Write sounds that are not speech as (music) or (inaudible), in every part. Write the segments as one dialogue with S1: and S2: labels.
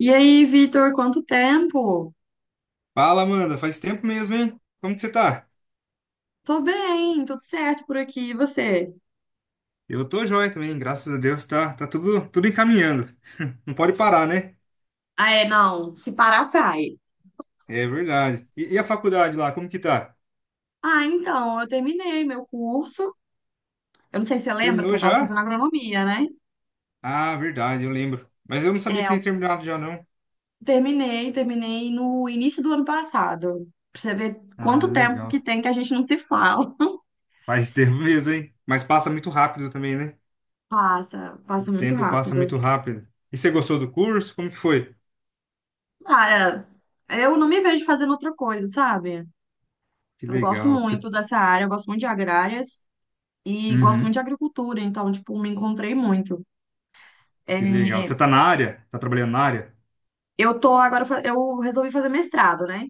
S1: E aí, Vitor, quanto tempo?
S2: Fala, Amanda. Faz tempo mesmo, hein? Como que você tá?
S1: Tô bem, tudo certo por aqui. E você?
S2: Eu tô joia também, graças a Deus. Tá, tudo encaminhando. Não pode parar, né?
S1: Ah, é, não, se parar, cai.
S2: É verdade. E a faculdade lá, como que tá?
S1: Ah, então, eu terminei meu curso. Eu não sei se você lembra que
S2: Terminou
S1: eu tava
S2: já?
S1: fazendo agronomia, né?
S2: Ah, verdade, eu lembro. Mas eu não sabia
S1: É,
S2: que você
S1: eu
S2: tinha terminado já, não.
S1: terminei no início do ano passado. Pra você ver
S2: Ah,
S1: quanto tempo que
S2: legal.
S1: tem que a gente não se fala.
S2: Faz (laughs) tempo mesmo, hein? Mas passa muito rápido também, né?
S1: Passa,
S2: O
S1: passa muito
S2: tempo passa
S1: rápido.
S2: muito rápido. E você gostou do curso? Como que foi?
S1: Cara, eu não me vejo fazendo outra coisa, sabe?
S2: Que
S1: Eu gosto
S2: legal. Você.
S1: muito dessa área, eu gosto muito de agrárias e gosto muito
S2: Uhum.
S1: de agricultura, então, tipo, me encontrei muito.
S2: Que legal.
S1: É,
S2: Você tá na área? Tá trabalhando na área?
S1: eu tô agora, eu resolvi fazer mestrado, né?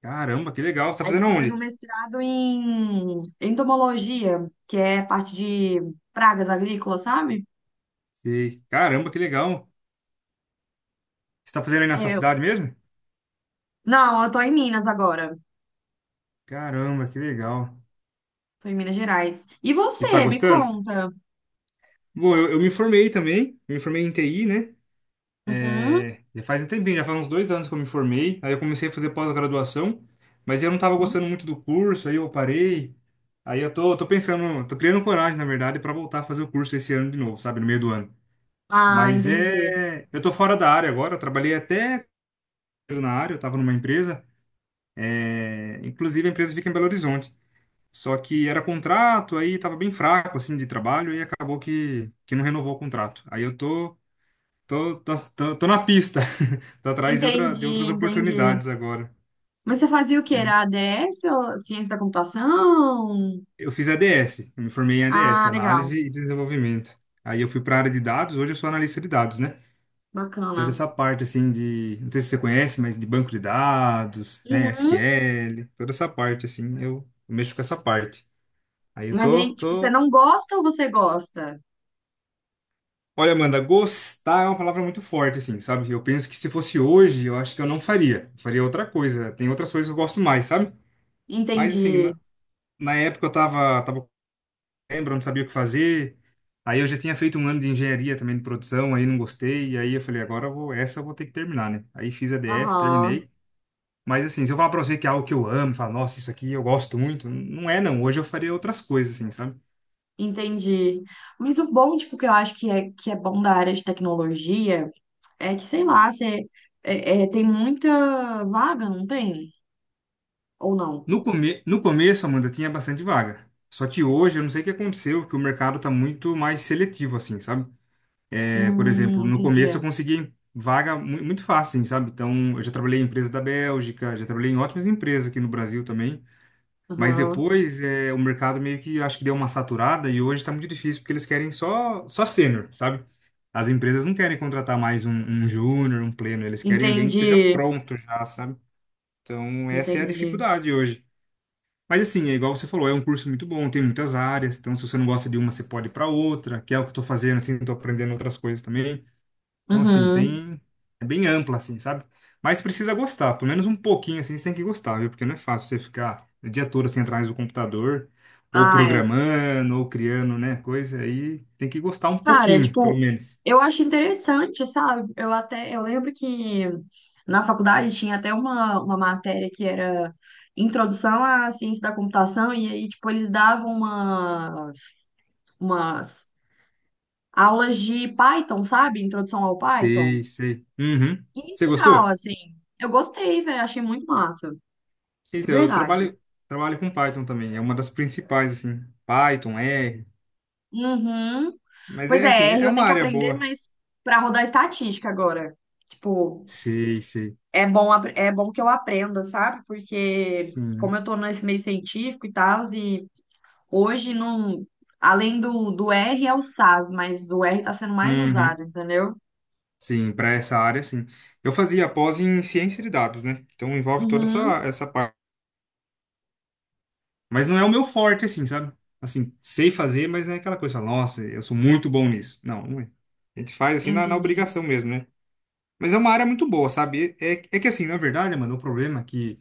S2: Caramba, que legal. Você tá
S1: Aí tô
S2: fazendo
S1: fazendo um
S2: onde?
S1: mestrado em entomologia, que é parte de pragas agrícolas, sabe?
S2: Sei. Caramba, que legal. Você tá fazendo aí na sua
S1: É,
S2: cidade mesmo?
S1: não, eu tô em Minas agora.
S2: Caramba, que legal.
S1: Tô em Minas Gerais. E
S2: E tá
S1: você, me
S2: gostando?
S1: conta?
S2: Bom, eu me formei também. Eu me formei em TI, né?
S1: Uhum.
S2: É, já faz um tempinho, já faz uns 2 anos que eu me formei. Aí eu comecei a fazer pós-graduação, mas eu não tava gostando muito do curso, aí eu parei. Aí eu tô pensando, tô criando coragem, na verdade, pra voltar a fazer o curso esse ano de novo, sabe? No meio do ano.
S1: Ah,
S2: Mas
S1: entendi.
S2: é. Eu tô fora da área agora, eu trabalhei até na área, eu tava numa empresa. É, inclusive a empresa fica em Belo Horizonte. Só que era contrato, aí tava bem fraco, assim, de trabalho, e acabou que, não renovou o contrato. Aí eu tô na pista, (laughs) tô atrás de, outra, de
S1: Entendi,
S2: outras
S1: entendi.
S2: oportunidades agora.
S1: Mas você fazia o que?
S2: É.
S1: Era ADS ou ciência da computação?
S2: Eu fiz ADS, eu me formei em
S1: Ah,
S2: ADS,
S1: legal.
S2: Análise e Desenvolvimento. Aí eu fui para a área de dados, hoje eu sou analista de dados, né? Toda
S1: Bacana.
S2: essa parte, assim, de, não sei se você conhece, mas de banco de dados, né,
S1: Uhum.
S2: SQL, toda essa parte, assim, eu mexo com essa parte. Aí eu
S1: Mas
S2: tô,
S1: aí, tipo, você
S2: tô
S1: não gosta ou você gosta?
S2: Olha, Amanda, gostar é uma palavra muito forte, assim, sabe? Eu penso que se fosse hoje, eu acho que eu não faria. Eu faria outra coisa. Tem outras coisas que eu gosto mais, sabe? Mas, assim,
S1: Entendi.
S2: na, época eu lembro, eu não sabia o que fazer. Aí eu já tinha feito um ano de engenharia também de produção, aí não gostei. E aí eu falei, agora eu vou, essa eu vou ter que terminar, né? Aí fiz a DS,
S1: Aham,
S2: terminei. Mas, assim, se eu falar pra você que é algo que eu amo, falar, nossa, isso aqui eu gosto muito, não é, não. Hoje eu faria outras coisas, assim, sabe?
S1: entendi. Mas o bom, tipo, que eu acho que é bom da área de tecnologia é que, sei lá, você tem muita vaga, não tem? Ou não?
S2: No começo, Amanda, tinha bastante vaga. Só que hoje, eu não sei o que aconteceu, que o mercado tá muito mais seletivo, assim, sabe? É, por exemplo, no
S1: Entendi.
S2: começo eu consegui vaga muito fácil, assim, sabe? Então, eu já trabalhei em empresas da Bélgica, já trabalhei em ótimas empresas aqui no Brasil também. Mas
S1: Aham.
S2: depois, é, o mercado meio que, acho que deu uma saturada e hoje tá muito difícil, porque eles querem só sênior, sabe? As empresas não querem contratar mais um júnior, um pleno, eles querem alguém que esteja
S1: Entendi,
S2: pronto já, sabe? Então, essa é a
S1: entendi.
S2: dificuldade hoje. Mas assim, é igual você falou, é um curso muito bom, tem muitas áreas, então se você não gosta de uma, você pode ir para outra, que é o que eu tô fazendo, assim, tô aprendendo outras coisas também. Então, assim,
S1: Uhum.
S2: tem. É bem ampla, assim, sabe? Mas precisa gostar, pelo menos um pouquinho, assim, você tem que gostar, viu? Porque não é fácil você ficar o dia todo assim atrás do computador, ou
S1: Ah, é.
S2: programando, ou criando, né? Coisa aí, tem que gostar um
S1: Cara,
S2: pouquinho, pelo
S1: tipo,
S2: menos.
S1: eu acho interessante, sabe? Eu até, eu lembro que na faculdade tinha até uma matéria que era Introdução à Ciência da Computação, e aí, tipo, eles davam umas, umas aulas de Python, sabe? Introdução ao Python.
S2: Sei, sei. Uhum. Você
S1: Inicial,
S2: gostou?
S1: assim. Eu gostei, velho, achei muito massa, de
S2: Então, eu
S1: verdade.
S2: trabalho com Python também, é uma das principais, assim. Python, R.
S1: Uhum.
S2: Mas
S1: Pois
S2: é assim,
S1: é, R
S2: é
S1: eu
S2: uma
S1: tenho que
S2: área
S1: aprender,
S2: boa.
S1: mas pra rodar estatística agora. Tipo,
S2: Sei, sei.
S1: é bom, é bom que eu aprenda, sabe? Porque como
S2: Sim.
S1: eu tô nesse meio científico e tal, e hoje não, além do R é o SAS, mas o R tá sendo mais
S2: Uhum.
S1: usado, entendeu?
S2: Sim, para essa área, sim. Eu fazia a pós em ciência de dados, né? Então envolve toda essa,
S1: Uhum,
S2: essa parte. Mas não é o meu forte, assim, sabe? Assim, sei fazer, mas não é aquela coisa, fala, nossa, eu sou muito bom nisso. Não, não é. A gente faz assim na
S1: entendi.
S2: obrigação mesmo, né? Mas é uma área muito boa, sabe? É que assim, na verdade, mano, o problema é que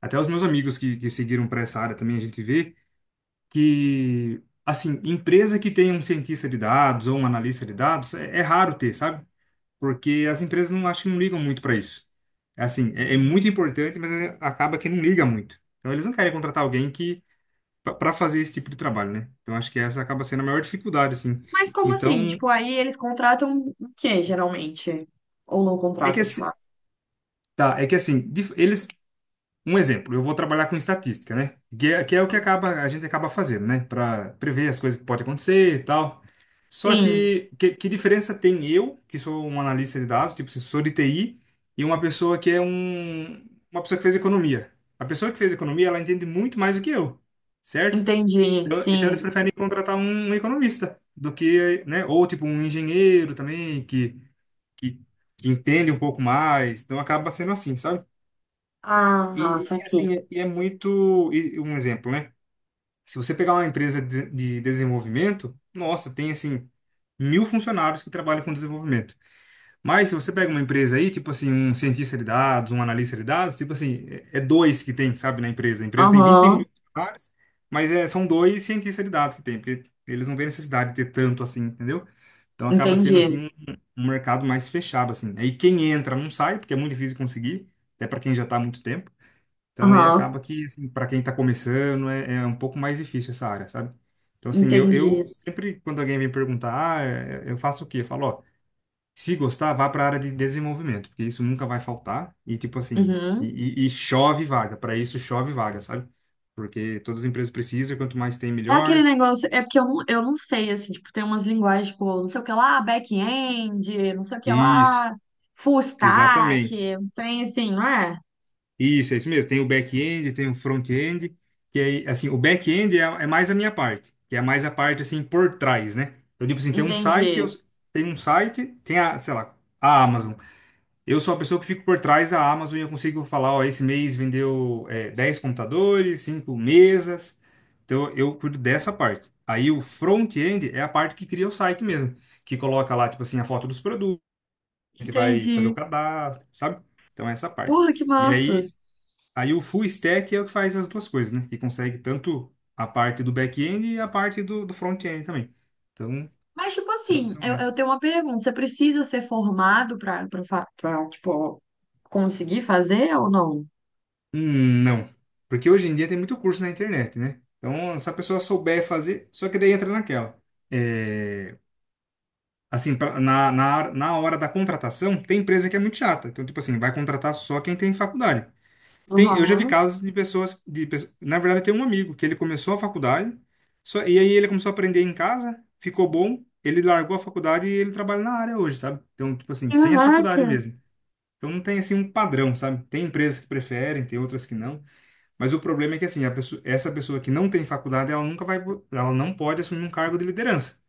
S2: até os meus amigos que seguiram para essa área também a gente vê, que, assim, empresa que tem um cientista de dados ou um analista de dados, é raro ter, sabe? Porque as empresas não acho que não ligam muito para isso. É assim, é muito importante, mas acaba que não liga muito. Então eles não querem contratar alguém que para fazer esse tipo de trabalho, né? Então acho que essa acaba sendo a maior dificuldade, assim.
S1: Mas como assim?
S2: Então,
S1: Tipo, aí eles contratam o quê, geralmente? Ou não
S2: é que
S1: contratam, de
S2: assim,
S1: fato?
S2: tá, é que assim, dif- eles um exemplo, eu vou trabalhar com estatística, né? Que é o que acaba, a gente acaba fazendo, né? Para prever as coisas que podem acontecer e tal. Só
S1: Sim,
S2: que, que diferença tem eu, que sou um analista de dados, tipo, assim, sou de TI, e uma pessoa que é uma pessoa que fez economia? A pessoa que fez economia, ela entende muito mais do que eu, certo?
S1: entendi,
S2: Então, eles
S1: sim.
S2: preferem contratar um economista do que, né? Ou tipo um engenheiro também que, que entende um pouco mais. Então acaba sendo assim, sabe?
S1: Ah,
S2: E, assim,
S1: saquei.
S2: e é muito. E um exemplo, né? Se você pegar uma empresa de desenvolvimento, nossa, tem assim, mil funcionários que trabalham com desenvolvimento. Mas se você pega uma empresa aí, tipo assim, um cientista de dados, um analista de dados, tipo assim, é dois que tem, sabe, na empresa. A empresa tem 25
S1: Aham,
S2: mil funcionários, mas é, são dois cientistas de dados que tem, porque eles não veem necessidade de ter tanto assim, entendeu? Então acaba sendo assim
S1: entendi.
S2: um, um mercado mais fechado, assim. Aí quem entra não sai, porque é muito difícil conseguir, até para quem já está há muito tempo. Então, aí
S1: Aham,
S2: acaba que, assim, para quem está começando, é, é um pouco mais difícil essa área, sabe? Então, assim, eu
S1: entendi.
S2: sempre, quando alguém vem perguntar, ah, é- é, eu faço o quê? Eu falo, ó, se gostar, vá para a área de desenvolvimento, porque isso nunca vai faltar. E, tipo assim,
S1: Uhum.
S2: e chove vaga, para isso chove vaga, sabe? Porque todas as empresas precisam, e quanto mais tem,
S1: É aquele
S2: melhor.
S1: negócio, é porque eu não sei, assim, tipo, tem umas linguagens, tipo, não sei o que lá, back-end, não sei o que
S2: Isso,
S1: lá, full
S2: exatamente.
S1: stack, uns trem assim, não é?
S2: Isso, é isso mesmo. Tem o back-end, tem o front-end, que é assim, o back-end é, é mais a minha parte, que é mais a parte assim por trás, né? Eu tipo assim, tem um
S1: Entendi.
S2: site, eu tem um site, tem a, sei lá, a Amazon. Eu sou a pessoa que fico por trás da Amazon e eu consigo falar, ó, esse mês vendeu é, 10 computadores, 5 mesas. Então eu cuido dessa parte. Aí o front-end é a parte que cria o site mesmo, que coloca lá tipo assim a foto dos produtos, que vai fazer o
S1: Entendi.
S2: cadastro, sabe? Então é essa parte.
S1: Porra, que
S2: E
S1: massa.
S2: aí Aí o full stack é o que faz as duas coisas, né? Que consegue tanto a parte do back-end e a parte do, do front-end também. Então,
S1: Mas, tipo
S2: são,
S1: assim,
S2: são
S1: eu tenho
S2: essas.
S1: uma pergunta, você precisa ser formado pra tipo, conseguir fazer ou não?
S2: Não. Porque hoje em dia tem muito curso na internet, né? Então, se a pessoa souber fazer, só que daí entra naquela. É, assim, pra- na, na, na hora da contratação, tem empresa que é muito chata. Então, tipo assim, vai contratar só quem tem faculdade. Tem, eu já vi
S1: Aham.
S2: casos de pessoas, de, pe- na verdade, tem um amigo que ele começou a faculdade, só, e aí ele começou a aprender em casa, ficou bom, ele largou a faculdade e ele trabalha na área hoje, sabe? Então, tipo assim, sem a faculdade
S1: Caraca.
S2: mesmo. Então não tem assim um padrão, sabe? Tem empresas que preferem, tem outras que não, mas o problema é que assim, a pessoa, essa pessoa que não tem faculdade, ela nunca vai, po- ela não pode assumir um cargo de liderança.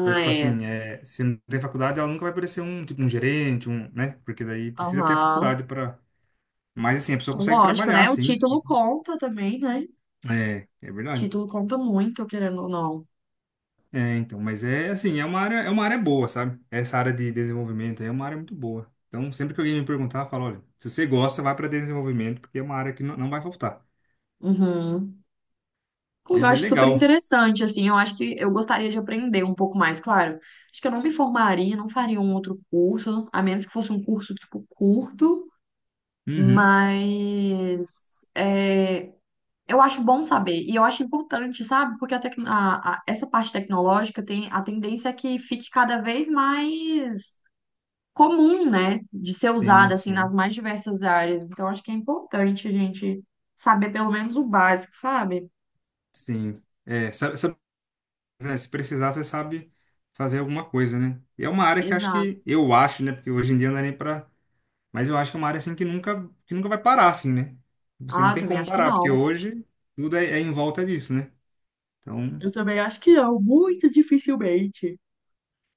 S2: Então, tipo
S1: é.
S2: assim, é, se não tem faculdade, ela nunca vai parecer um, tipo, um gerente, um, né? Porque daí precisa ter a
S1: Aham.
S2: faculdade para mas assim, a pessoa consegue
S1: Lógico,
S2: trabalhar,
S1: né? O
S2: sim.
S1: título conta também, né?
S2: É, é verdade.
S1: Título conta muito, querendo ou não.
S2: É, então, mas é assim, é uma área boa, sabe? Essa área de desenvolvimento aí é uma área muito boa. Então, sempre que alguém me perguntar, eu falo, olha, se você gosta, vai para desenvolvimento, porque é uma área que não, não vai faltar.
S1: Uhum. Eu
S2: Mas é
S1: acho super
S2: legal.
S1: interessante, assim, eu acho que eu gostaria de aprender um pouco mais, claro. Acho que eu não me formaria, não faria um outro curso, a menos que fosse um curso, tipo, curto,
S2: Uhum.
S1: mas é, eu acho bom saber, e eu acho importante, sabe? Porque a essa parte tecnológica tem a tendência é que fique cada vez mais comum, né? De ser usada,
S2: Sim,
S1: assim, nas
S2: sim,
S1: mais diversas áreas. Então, acho que é importante a gente saber pelo menos o básico, sabe?
S2: sim. É, sabe, sabe, né, se precisar, você sabe fazer alguma coisa, né? E é uma área que acho que,
S1: Exato.
S2: eu acho, né? Porque hoje em dia não é nem pra. Mas eu acho que é uma área assim que nunca vai parar, assim, né? Você não
S1: Ah,
S2: tem
S1: também
S2: como
S1: acho que
S2: parar, porque
S1: não.
S2: hoje tudo é, é em volta disso, né? Então.
S1: Eu também acho que não, muito dificilmente.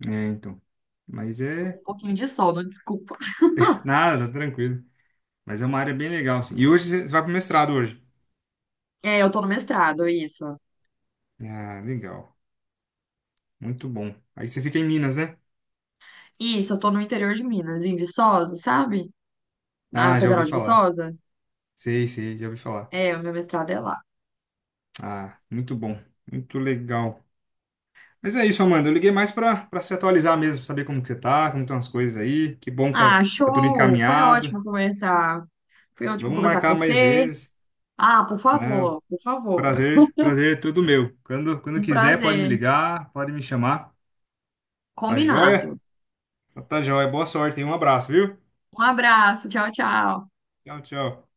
S2: É, então. Mas
S1: Tô com
S2: é.
S1: um pouquinho de sono, desculpa. (laughs)
S2: Nada, tá tranquilo. Mas é uma área bem legal, assim. E hoje você você vai pro mestrado hoje.
S1: É, eu tô no mestrado, isso.
S2: Ah, legal. Muito bom. Aí você fica em Minas, né?
S1: Isso, eu tô no interior de Minas, em Viçosa, sabe? Na
S2: Ah, já ouvi
S1: Federal de
S2: falar.
S1: Viçosa.
S2: Sei, sei, já ouvi falar.
S1: É, o meu mestrado é lá.
S2: Ah, muito bom. Muito legal. Mas é isso, Amanda. Eu liguei mais pra, pra se atualizar mesmo, pra saber como que você tá, como estão as coisas aí. Que bom que tá,
S1: Ah,
S2: tá tudo
S1: show! Foi
S2: encaminhado.
S1: ótimo conversar. Foi ótimo
S2: Vamos
S1: conversar com
S2: marcar mais
S1: você.
S2: vezes,
S1: Ah, por
S2: né? O
S1: favor, por favor.
S2: Prazer, prazer é todo meu. Quando, quando
S1: Um
S2: quiser, pode me
S1: prazer.
S2: ligar, pode me chamar. Tá
S1: Combinado.
S2: joia? Tá, joia. Boa sorte e um abraço, viu?
S1: Um abraço, tchau, tchau.
S2: Tchau, tchau.